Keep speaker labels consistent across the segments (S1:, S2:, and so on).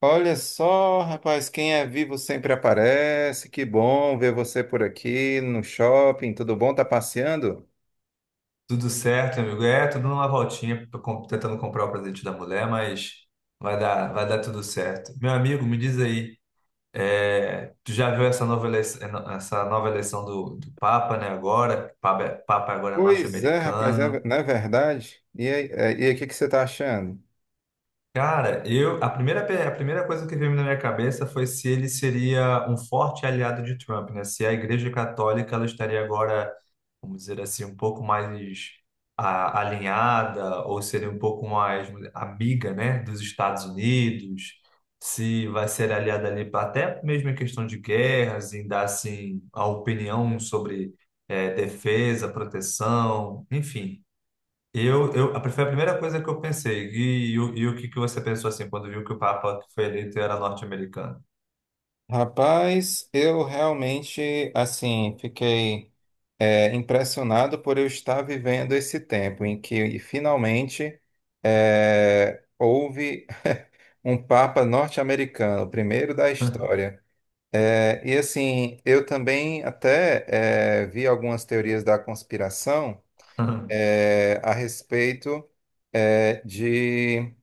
S1: Olha só, rapaz, quem é vivo sempre aparece. Que bom ver você por aqui no shopping. Tudo bom? Tá passeando?
S2: Tudo certo, amigo. É, tudo numa voltinha, tô tentando comprar o presente da mulher, mas vai dar tudo certo. Meu amigo, me diz aí, tu já viu essa nova eleição, do Papa, né, agora? Papa agora é
S1: Pois é, rapaz,
S2: norte-americano.
S1: não é verdade? E aí, o que que você tá achando?
S2: Cara, eu, a primeira coisa que veio na minha cabeça foi se ele seria um forte aliado de Trump, né? Se a Igreja Católica, ela estaria agora, vamos dizer assim, um pouco mais alinhada, ou seria um pouco mais amiga, né, dos Estados Unidos, se vai ser aliada ali até mesmo em questão de guerras, em dar assim a opinião sobre defesa, proteção, enfim. Eu, foi a primeira coisa que eu pensei. E o que que você pensou assim quando viu que o Papa que foi eleito era norte-americano?
S1: Rapaz, eu realmente, assim, fiquei impressionado por eu estar vivendo esse tempo em que finalmente houve um Papa norte-americano, o primeiro da história. E assim, eu também até vi algumas teorias da conspiração a respeito de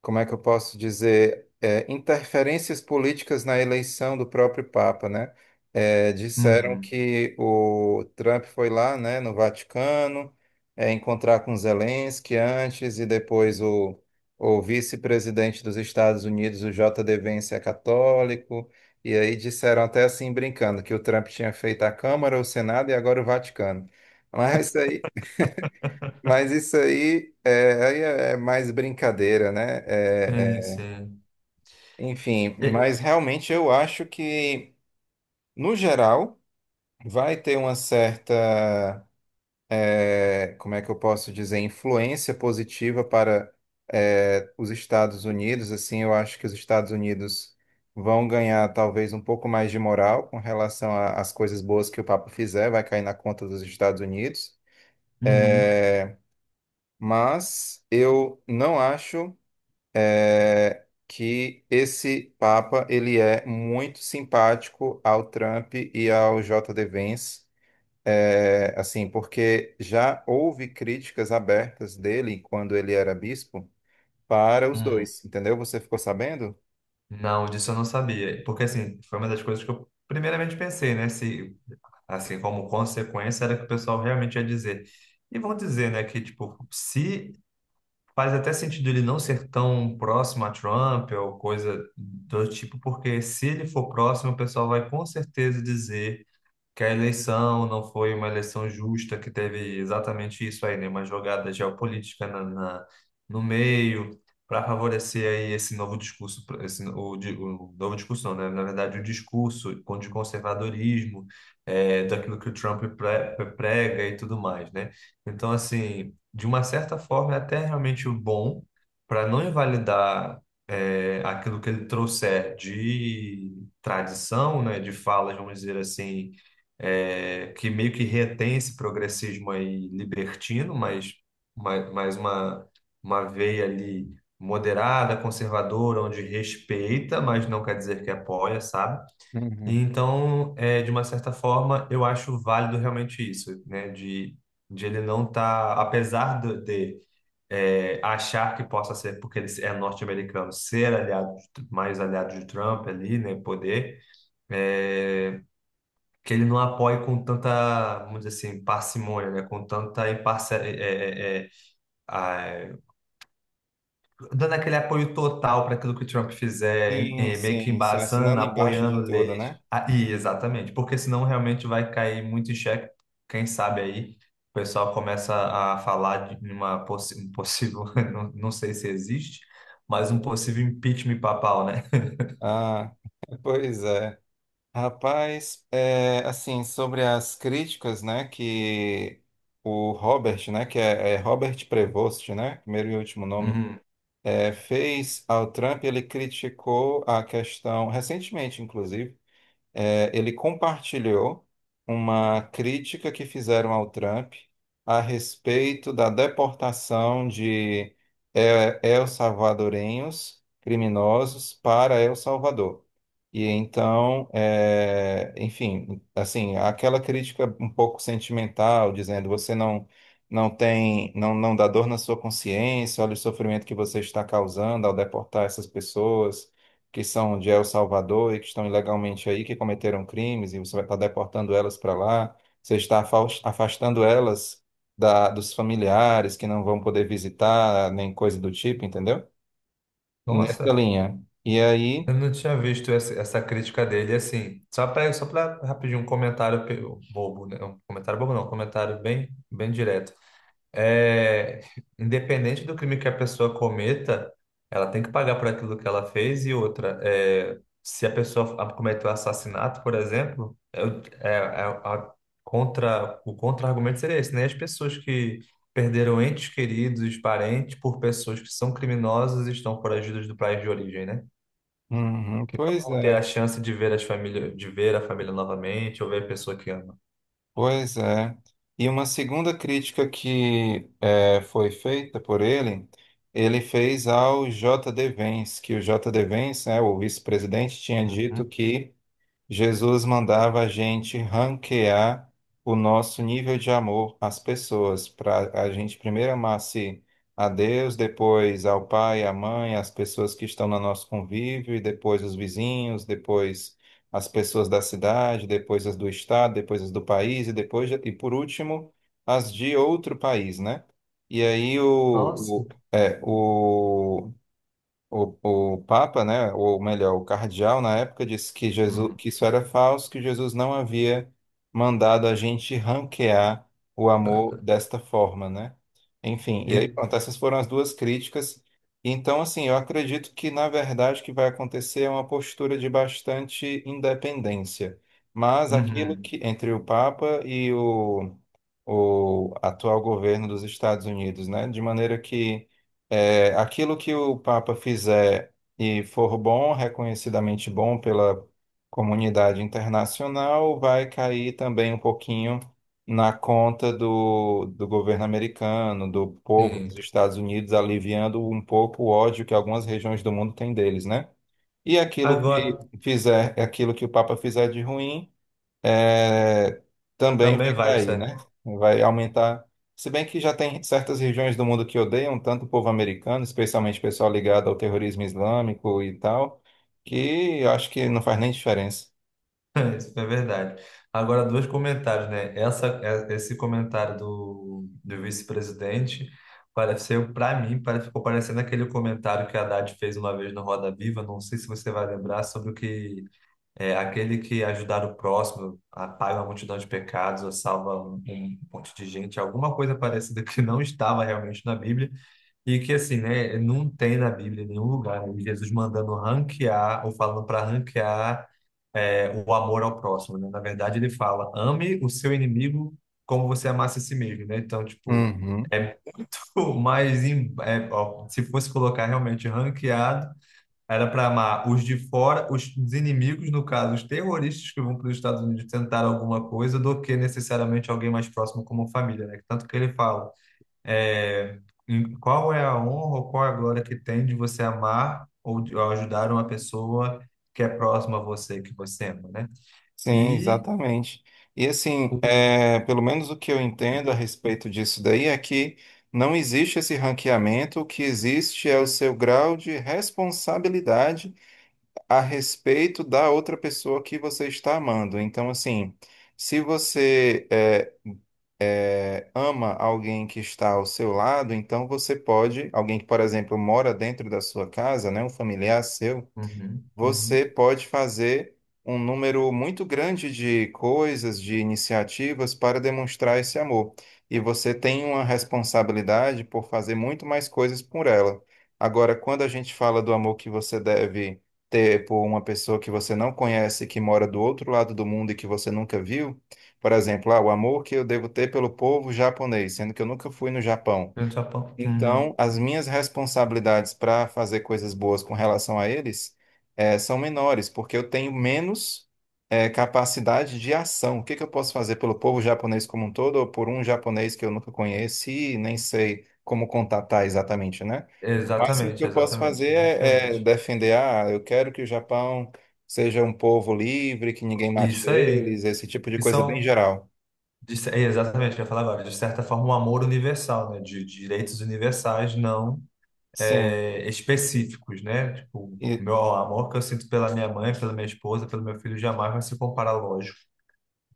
S1: como é que eu posso dizer, interferências políticas na eleição do próprio Papa, né? Disseram
S2: Uhum.
S1: que o Trump foi lá, né, no Vaticano, encontrar com Zelensky antes e depois o vice-presidente dos Estados Unidos, o J. D. Vance, é católico. E aí disseram até assim, brincando, que o Trump tinha feito a Câmara, o Senado e agora o Vaticano. Mas isso aí, mas isso aí, aí é mais brincadeira, né?
S2: Sim,
S1: É, é,
S2: sim.
S1: enfim,
S2: E-
S1: mas realmente eu acho que, no geral, vai ter uma certa, como é que eu posso dizer, influência positiva para, os Estados Unidos. Assim, eu acho que os Estados Unidos vão ganhar talvez um pouco mais de moral com relação às coisas boas que o Papa fizer, vai cair na conta dos Estados Unidos.
S2: Uhum.
S1: Eh, mas eu não acho que esse Papa ele é muito simpático ao Trump e ao J.D. Vance, assim, porque já houve críticas abertas dele quando ele era bispo para os
S2: Hum.
S1: dois, entendeu? Você ficou sabendo?
S2: Não, disso eu não sabia. Porque, assim, foi uma das coisas que eu primeiramente pensei, né? Se, assim, como consequência, era que o pessoal realmente ia dizer. E vão dizer, né, que, tipo, se faz até sentido ele não ser tão próximo a Trump ou coisa do tipo, porque se ele for próximo, o pessoal vai com certeza dizer que a eleição não foi uma eleição justa, que teve exatamente isso aí, né? Uma jogada geopolítica no meio, para favorecer aí esse novo discurso, o novo discurso não, né? Na verdade, o discurso contra o conservadorismo, daquilo que o Trump prega e tudo mais, né? Então, assim, de uma certa forma, é até realmente o bom para não invalidar, aquilo que ele trouxer de tradição, né, de falas, vamos dizer assim, que meio que retém esse progressismo aí libertino, mas mais uma veia ali moderada, conservadora, onde respeita, mas não quer dizer que apoia, sabe? E
S1: Uhum.
S2: então, de uma certa forma, eu acho válido realmente isso, né? De ele não estar, apesar de, achar que possa ser, porque ele é norte-americano, ser aliado, mais aliado de Trump ali, né? Poder. É, que ele não apoie com tanta, vamos dizer assim, parcimônia, né? Com tanta imparcial, dando aquele apoio total para aquilo que o Trump fizer,
S1: Sim,
S2: meio que
S1: sim, sim,
S2: embasando,
S1: assinando embaixo
S2: apoiando
S1: de tudo,
S2: leis.
S1: né?
S2: Ah, e exatamente, porque senão realmente vai cair muito em xeque, quem sabe aí. O pessoal começa a falar de uma um possível, não, não sei se existe, mas um possível impeachment papal, né?
S1: Ah, pois é. Rapaz, assim, sobre as críticas, né, que o Robert, né, que é Robert Prevost, né, primeiro e último nome,
S2: Uhum.
S1: fez ao Trump, ele criticou a questão, recentemente, inclusive, ele compartilhou uma crítica que fizeram ao Trump a respeito da deportação de el-salvadorenhos criminosos para El Salvador. E então, enfim, assim, aquela crítica um pouco sentimental, dizendo você não tem, não, não dá dor na sua consciência, olha o sofrimento que você está causando ao deportar essas pessoas que são de El Salvador e que estão ilegalmente aí, que cometeram crimes, e você vai estar deportando elas para lá, você está afastando elas dos familiares que não vão poder visitar, nem coisa do tipo, entendeu? Nessa
S2: Nossa.
S1: linha. E aí,
S2: Eu não tinha visto essa, crítica dele, assim, só para rapidinho um comentário bobo, né? Um comentário bobo não, um comentário bem bem direto. É, independente do crime que a pessoa cometa, ela tem que pagar por aquilo que ela fez. E outra, se a pessoa cometeu assassinato, por exemplo, é, o- é, é a contra o contra-argumento seria esse, né? As pessoas que perderam entes queridos, parentes, por pessoas que são criminosas e estão foragidas do país de origem, né,
S1: uhum,
S2: que
S1: pois
S2: não vão ter a
S1: é,
S2: chance de ver a família novamente ou ver a pessoa que ama.
S1: pois é. E uma segunda crítica que foi feita por ele fez ao J.D. Vance, que o J.D. Vance, né, o vice-presidente, tinha
S2: Uhum.
S1: dito que Jesus mandava a gente ranquear o nosso nível de amor às pessoas, para a gente primeiro amasse a Deus, depois ao pai, à mãe, às pessoas que estão no nosso convívio, e depois os vizinhos, depois as pessoas da cidade, depois as do estado, depois as do país, e depois, e por último, as de outro país, né? E aí o,
S2: Nossa.
S1: o, é, o o, o Papa, né, ou melhor, o cardeal na época disse que Jesus,
S2: Uhum.
S1: que isso era falso, que Jesus não havia mandado a gente ranquear o amor desta forma, né? Enfim, e aí
S2: E-
S1: pronto, essas foram as duas críticas. Então, assim, eu acredito que na verdade o que vai acontecer é uma postura de bastante independência. Mas aquilo
S2: uhum.
S1: que entre o Papa e o atual governo dos Estados Unidos, né, de maneira que aquilo que o Papa fizer e for bom, reconhecidamente bom pela comunidade internacional, vai cair também um pouquinho na conta do governo americano, do povo
S2: Sim.
S1: dos Estados Unidos, aliviando um pouco o ódio que algumas regiões do mundo têm deles, né? E aquilo
S2: Agora,
S1: que fizer, aquilo que o Papa fizer de ruim é, também
S2: também
S1: vai
S2: vai, isso
S1: cair,
S2: é,
S1: né? Vai aumentar. Se bem que já tem certas regiões do mundo que odeiam tanto o povo americano, especialmente o pessoal ligado ao terrorismo islâmico e tal, que acho que não faz nem diferença.
S2: isso é verdade. Agora, dois comentários, né? Esse comentário do vice-presidente pareceu, para mim, ficou parecendo aquele comentário que a Haddad fez uma vez no Roda Viva. Não sei se você vai lembrar sobre o que. É aquele que, ajudar o próximo, apaga uma multidão de pecados, ou salva um monte de gente, alguma coisa parecida que não estava realmente na Bíblia, e que, assim, né, não tem na Bíblia em nenhum lugar, né? Jesus mandando ranquear ou falando para ranquear, o amor ao próximo, né? Na verdade, ele fala: ame o seu inimigo como você amasse a si mesmo, né? Então, tipo,
S1: Uhum.
S2: é mais, ó, se fosse colocar realmente ranqueado, era para amar os de fora, os inimigos, no caso, os terroristas que vão para os Estados Unidos tentar alguma coisa, do que necessariamente alguém mais próximo como família, né? Tanto que ele fala, é, qual é a honra ou qual é a glória que tem de você amar ou ou ajudar uma pessoa que é próxima a você, que você ama, né?
S1: Sim,
S2: E...
S1: exatamente. E assim,
S2: o-
S1: pelo menos o que eu entendo a respeito disso daí é que não existe esse ranqueamento, o que existe é o seu grau de responsabilidade a respeito da outra pessoa que você está amando. Então, assim, se você ama alguém que está ao seu lado, então você pode, alguém que, por exemplo, mora dentro da sua casa, né, um familiar seu
S2: Uhum,
S1: você
S2: uhum.
S1: pode fazer um número muito grande de coisas, de iniciativas para demonstrar esse amor. E você tem uma responsabilidade por fazer muito mais coisas por ela. Agora, quando a gente fala do amor que você deve ter por uma pessoa que você não conhece, que mora do outro lado do mundo e que você nunca viu, por exemplo, ah, o amor que eu devo ter pelo povo japonês, sendo que eu nunca fui no Japão.
S2: No Japão. Uhum.
S1: Então, as minhas responsabilidades para fazer coisas boas com relação a eles são menores, porque eu tenho menos capacidade de ação. O que que eu posso fazer pelo povo japonês como um todo, ou por um japonês que eu nunca conheci e nem sei como contatar exatamente, né? O máximo que
S2: Exatamente,
S1: eu posso
S2: exatamente.
S1: fazer
S2: É
S1: é
S2: diferente.
S1: defender, ah, eu quero que o Japão seja um povo livre, que ninguém mate
S2: Isso aí.
S1: eles, esse tipo de
S2: Que
S1: coisa bem
S2: são.
S1: geral.
S2: É, exatamente, o que eu ia falar agora. De certa forma, um amor universal, né? De direitos universais, não
S1: Sim,
S2: é, específicos, né? Tipo, o
S1: e,
S2: meu amor que eu sinto pela minha mãe, pela minha esposa, pelo meu filho, jamais vai se comparar, lógico.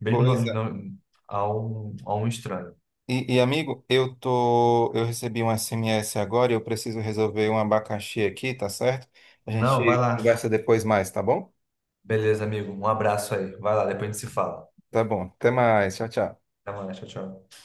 S2: Mesmo não,
S1: pois é.
S2: não, a um, estranho.
S1: Amigo, eu recebi um SMS agora e eu preciso resolver um abacaxi aqui, tá certo? A
S2: Não, vai
S1: gente
S2: lá.
S1: conversa depois mais, tá bom?
S2: Beleza, amigo. Um abraço aí. Vai lá, depois a gente se fala.
S1: Tá bom. Até mais. Tchau, tchau.
S2: Até mais, tchau, tchau.